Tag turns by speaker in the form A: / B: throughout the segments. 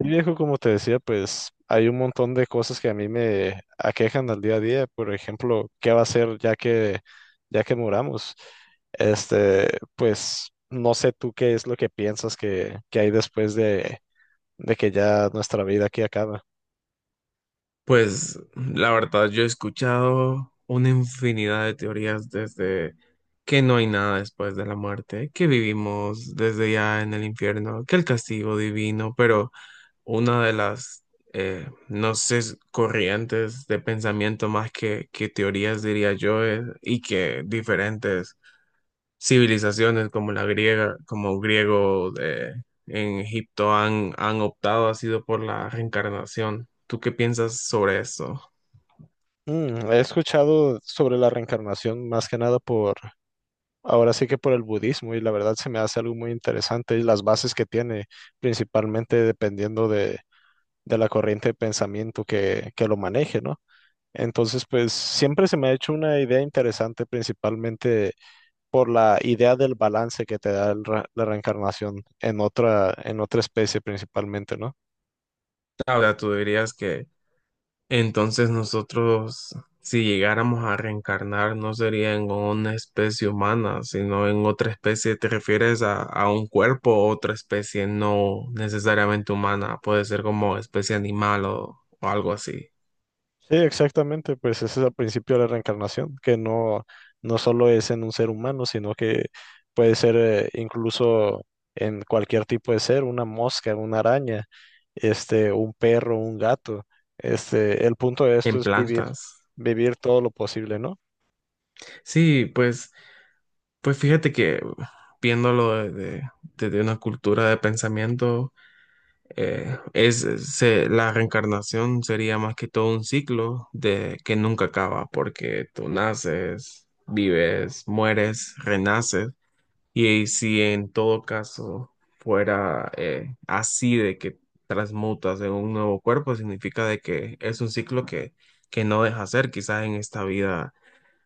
A: Y viejo, como te decía, pues hay un montón de cosas que a mí me aquejan al día a día. Por ejemplo, ¿qué va a ser ya que muramos? Pues no sé tú qué es lo que piensas que hay después de que ya nuestra vida aquí acaba.
B: Pues la verdad, yo he escuchado una infinidad de teorías desde que no hay nada después de la muerte, que vivimos desde ya en el infierno, que el castigo divino, pero una de las, no sé, corrientes de pensamiento más que teorías, diría yo, y que diferentes civilizaciones como la griega, como griego de, en Egipto han optado, ha sido por la reencarnación. ¿Tú qué piensas sobre esto?
A: He escuchado sobre la reencarnación más que nada por, ahora sí que por el budismo, y la verdad se me hace algo muy interesante, y las bases que tiene, principalmente dependiendo de la corriente de pensamiento que lo maneje, ¿no? Entonces, pues siempre se me ha hecho una idea interesante, principalmente por la idea del balance que te da el la reencarnación en otra especie principalmente, ¿no?
B: Ahora tú dirías que entonces nosotros, si llegáramos a reencarnar, no sería en una especie humana, sino en otra especie. ¿Te refieres a un cuerpo o otra especie no necesariamente humana? Puede ser como especie animal o algo así.
A: Sí, exactamente, pues ese es el principio de la reencarnación, que no, no solo es en un ser humano, sino que puede ser incluso en cualquier tipo de ser, una mosca, una araña, un perro, un gato. El punto de esto
B: En
A: es vivir,
B: plantas.
A: vivir todo lo posible, ¿no?
B: Sí, pues, pues fíjate que viéndolo desde de desde una cultura de pensamiento, la reencarnación sería más que todo un ciclo de que nunca acaba, porque tú naces, vives, mueres, renaces, y si en todo caso fuera así de que transmutas en un nuevo cuerpo, significa de que es un ciclo que no deja ser, quizás en esta vida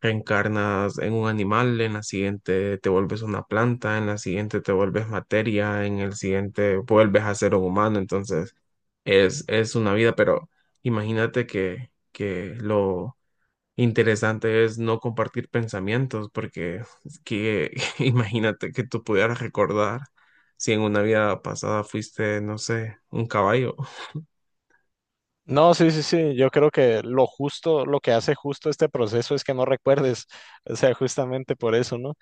B: reencarnas en un animal, en la siguiente te vuelves una planta, en la siguiente te vuelves materia, en el siguiente vuelves a ser un humano. Entonces, es una vida, pero imagínate que lo interesante es no compartir pensamientos, porque es que imagínate que tú pudieras recordar si en una vida pasada fuiste, no sé, un caballo.
A: No, sí, sí, sí, yo creo que lo justo, lo que hace justo este proceso es que no recuerdes, o sea, justamente por eso, ¿no?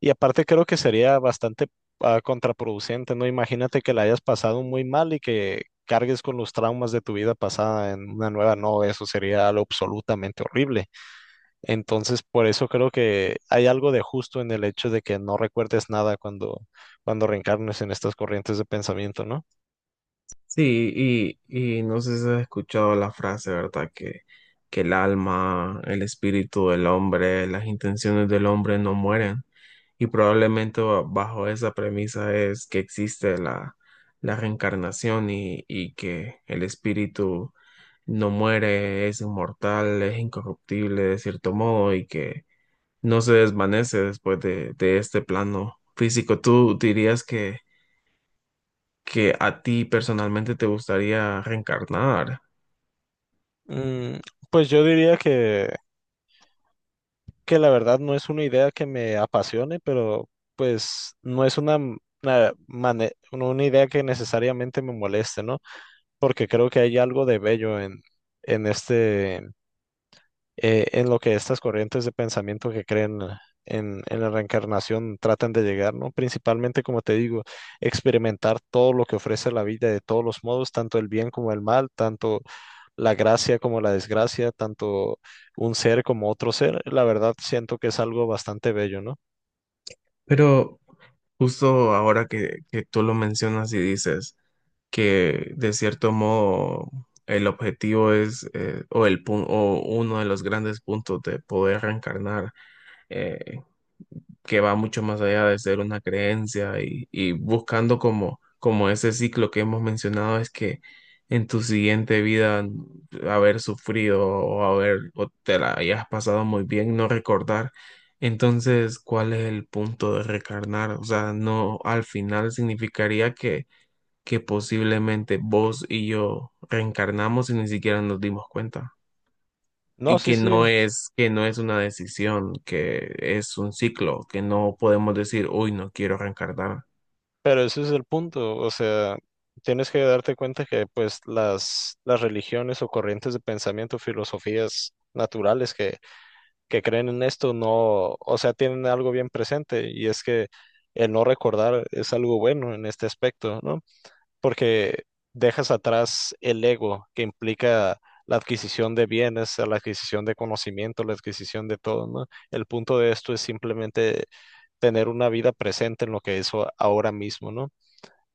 A: Y aparte creo que sería bastante contraproducente, ¿no? Imagínate que la hayas pasado muy mal y que cargues con los traumas de tu vida pasada en una nueva, no, eso sería algo absolutamente horrible. Entonces, por eso creo que hay algo de justo en el hecho de que no recuerdes nada cuando, cuando reencarnes en estas corrientes de pensamiento, ¿no?
B: Sí, y no sé si has escuchado la frase, ¿verdad? Que el alma, el espíritu del hombre, las intenciones del hombre no mueren. Y probablemente bajo esa premisa es que existe la reencarnación y que el espíritu no muere, es inmortal, es incorruptible de cierto modo y que no se desvanece de este plano físico. ¿Tú dirías que a ti personalmente te gustaría reencarnar?
A: Mm, pues yo diría que la verdad no es una idea que me apasione, pero pues no es una, una, no, una idea que necesariamente me moleste, ¿no? Porque creo que hay algo de bello en este en lo que estas corrientes de pensamiento que creen en la reencarnación tratan de llegar, ¿no? Principalmente, como te digo, experimentar todo lo que ofrece la vida de todos los modos, tanto el bien como el mal, tanto la gracia como la desgracia, tanto un ser como otro ser, la verdad siento que es algo bastante bello, ¿no?
B: Pero justo ahora que tú lo mencionas y dices que de cierto modo el objetivo es, o, el, pun- o uno de los grandes puntos de poder reencarnar, eh, que va mucho más allá de ser una creencia y buscando como ese ciclo que hemos mencionado es que en tu siguiente vida haber sufrido o te la hayas pasado muy bien, no recordar. Entonces, ¿cuál es el punto de recarnar? O sea, no, al final significaría que posiblemente vos y yo reencarnamos y ni siquiera nos dimos cuenta,
A: No,
B: y
A: sí,
B: que
A: sí,
B: que no es una decisión, que es un ciclo, que no podemos decir, uy, no quiero reencarnar.
A: pero ese es el punto, o sea, tienes que darte cuenta que pues las religiones o corrientes de pensamiento, filosofías naturales que creen en esto no, o sea, tienen algo bien presente y es que el no recordar es algo bueno en este aspecto, ¿no? Porque dejas atrás el ego que implica la adquisición de bienes, la adquisición de conocimiento, la adquisición de todo, ¿no? El punto de esto es simplemente tener una vida presente en lo que es ahora mismo, ¿no?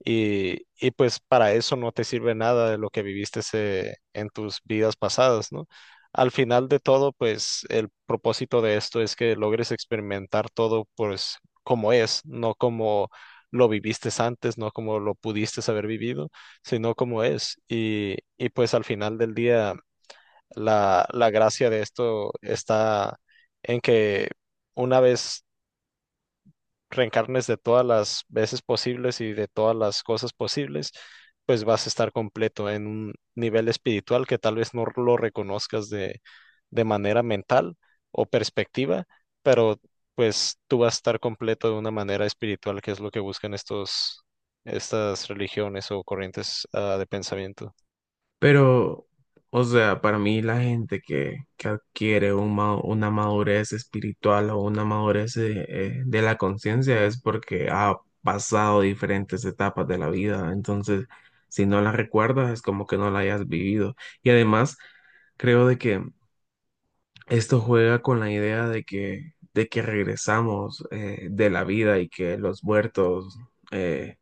A: Y pues para eso no te sirve nada de lo que viviste en tus vidas pasadas, ¿no? Al final de todo, pues el propósito de esto es que logres experimentar todo pues como es, no como lo viviste antes, no como lo pudiste haber vivido, sino como es. Y pues al final del día, la gracia de esto está en que una vez reencarnes de todas las veces posibles y de todas las cosas posibles, pues vas a estar completo en un nivel espiritual que tal vez no lo reconozcas de manera mental o perspectiva, pero pues tú vas a estar completo de una manera espiritual, que es lo que buscan estos, estas religiones o corrientes, de pensamiento.
B: Pero, o sea, para mí la gente que adquiere una madurez espiritual o una madurez de la conciencia es porque ha pasado diferentes etapas de la vida. Entonces, si no la recuerdas, es como que no la hayas vivido. Y además, creo de que esto juega con la idea de que regresamos de la vida y que los muertos, eh,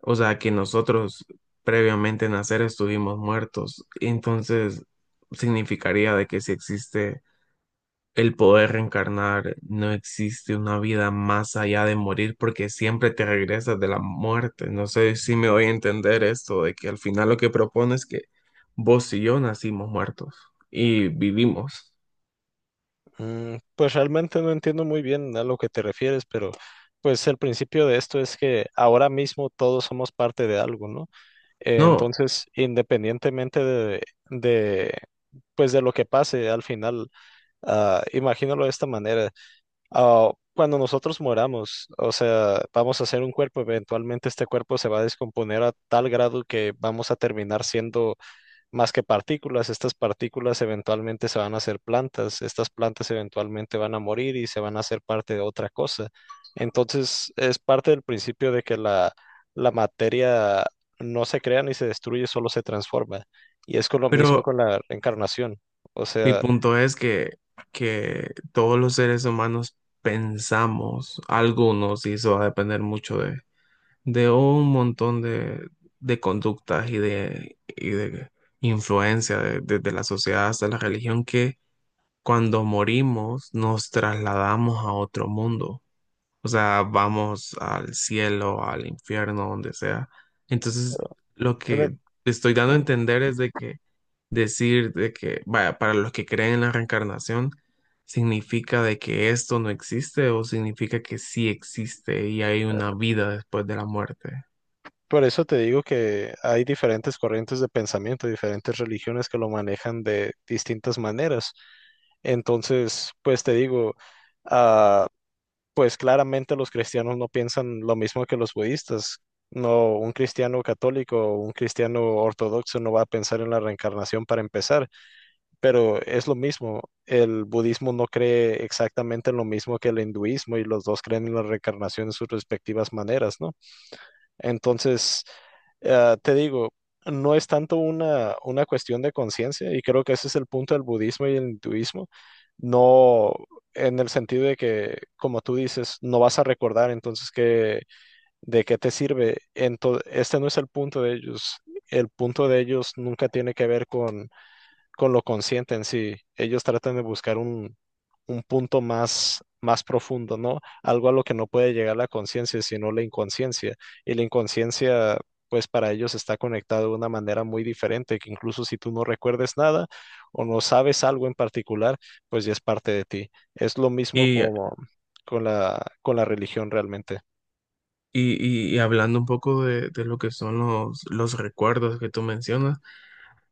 B: o sea, que nosotros previamente nacer estuvimos muertos. Entonces, significaría de que si existe el poder reencarnar, no existe una vida más allá de morir porque siempre te regresas de la muerte. No sé si me voy a entender esto, de que al final lo que propone es que vos y yo nacimos muertos y vivimos.
A: Pues realmente no entiendo muy bien a lo que te refieres, pero pues el principio de esto es que ahora mismo todos somos parte de algo, ¿no?
B: No.
A: Entonces, independientemente de, pues de lo que pase al final, imagínalo de esta manera. Ah, cuando nosotros moramos, o sea, vamos a ser un cuerpo, eventualmente este cuerpo se va a descomponer a tal grado que vamos a terminar siendo más que partículas. Estas partículas eventualmente se van a hacer plantas, estas plantas eventualmente van a morir y se van a hacer parte de otra cosa. Entonces, es parte del principio de que la materia no se crea ni se destruye, solo se transforma. Y es con lo mismo
B: Pero
A: con la reencarnación. O
B: mi
A: sea,
B: punto es que todos los seres humanos pensamos, algunos, y eso va a depender mucho de un montón de conductas y de influencia desde la sociedad hasta la religión, que cuando morimos nos trasladamos a otro mundo. O sea, vamos al cielo, al infierno, donde sea. Entonces, lo
A: en el-
B: que te estoy dando a entender es de que decir de que, vaya, para los que creen en la reencarnación, significa de que esto no existe o significa que sí existe y hay una vida después de la muerte.
A: por eso te digo que hay diferentes corrientes de pensamiento, diferentes religiones que lo manejan de distintas maneras. Entonces, pues te digo, ah, pues claramente los cristianos no piensan lo mismo que los budistas. No, un cristiano católico o un cristiano ortodoxo no va a pensar en la reencarnación para empezar, pero es lo mismo. El budismo no cree exactamente en lo mismo que el hinduismo, y los dos creen en la reencarnación en sus respectivas maneras, ¿no? Entonces, te digo, no es tanto una cuestión de conciencia, y creo que ese es el punto del budismo y el hinduismo, no en el sentido de que, como tú dices, no vas a recordar, entonces, ¿qué, de qué te sirve? Entonces, este no es el punto de ellos. El punto de ellos nunca tiene que ver con lo consciente en sí. Ellos tratan de buscar un punto más, más profundo, ¿no? Algo a lo que no puede llegar la conciencia, sino la inconsciencia. Y la inconsciencia, pues para ellos está conectada de una manera muy diferente, que incluso si tú no recuerdes nada o no sabes algo en particular, pues ya es parte de ti. Es lo mismo
B: Y, y,
A: como con la religión realmente.
B: y hablando un poco de lo que son los recuerdos que tú mencionas.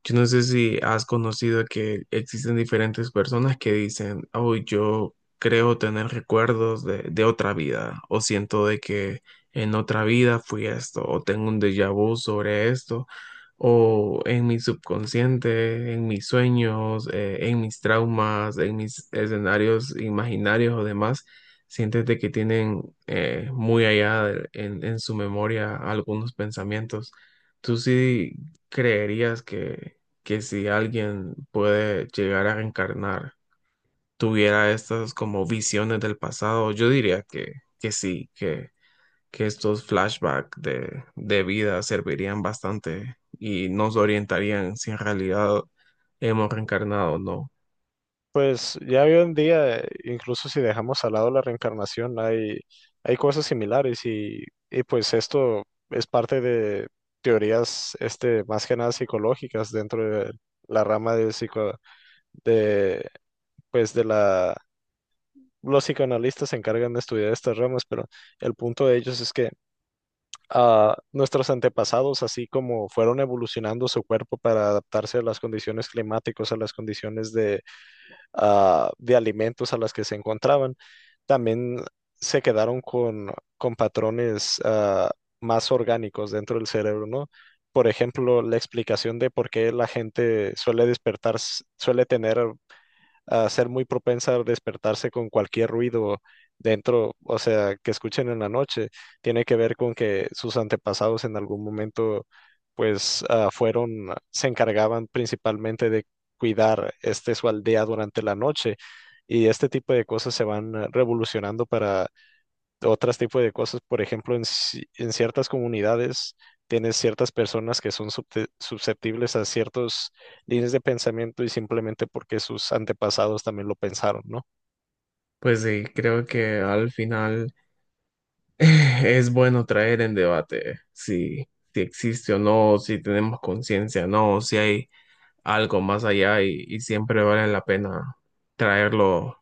B: Yo no sé si has conocido que existen diferentes personas que dicen, oh, yo creo tener recuerdos de otra vida, o siento de que en otra vida fui esto, o tengo un déjà vu sobre esto, o en mi subconsciente, en mis sueños, en mis traumas, en mis escenarios imaginarios o demás, sientes de que tienen muy allá en su memoria algunos pensamientos. ¿Tú sí creerías que si alguien puede llegar a reencarnar, tuviera estas como visiones del pasado? Yo diría que sí, que estos flashbacks de vida servirían bastante y nos orientarían si en realidad hemos reencarnado o no.
A: Pues ya hoy en día, incluso si dejamos al lado la reencarnación, hay cosas similares y pues esto es parte de teorías más que nada psicológicas dentro de la rama de psico, de, pues de la, los psicoanalistas se encargan de estudiar estas ramas, pero el punto de ellos es que nuestros antepasados, así como fueron evolucionando su cuerpo para adaptarse a las condiciones climáticas, a las condiciones de de alimentos a las que se encontraban, también se quedaron con patrones más orgánicos dentro del cerebro, ¿no? Por ejemplo, la explicación de por qué la gente suele despertar, suele tener a ser muy propensa a despertarse con cualquier ruido dentro, o sea, que escuchen en la noche, tiene que ver con que sus antepasados en algún momento, pues, fueron, se encargaban principalmente de cuidar este su aldea durante la noche, y este tipo de cosas se van revolucionando para otros tipos de cosas. Por ejemplo, en, en ciertas comunidades tienes ciertas personas que son susceptibles a ciertas líneas de pensamiento, y simplemente porque sus antepasados también lo pensaron, ¿no?
B: Pues sí, creo que al final es bueno traer en debate si, si existe o no, si tenemos conciencia o no, si hay algo más allá, y siempre vale la pena traerlo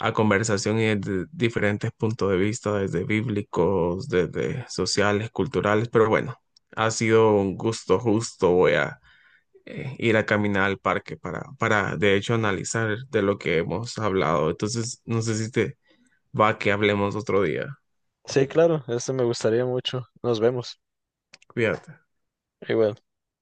B: a conversación y desde diferentes puntos de vista, desde bíblicos, desde sociales, culturales, pero bueno, ha sido un gusto justo. Voy a ir a caminar al parque para, de hecho, analizar de lo que hemos hablado. Entonces, no sé si te va que hablemos otro día.
A: Sí, claro, esto me gustaría mucho. Nos vemos.
B: Cuídate.
A: Igual.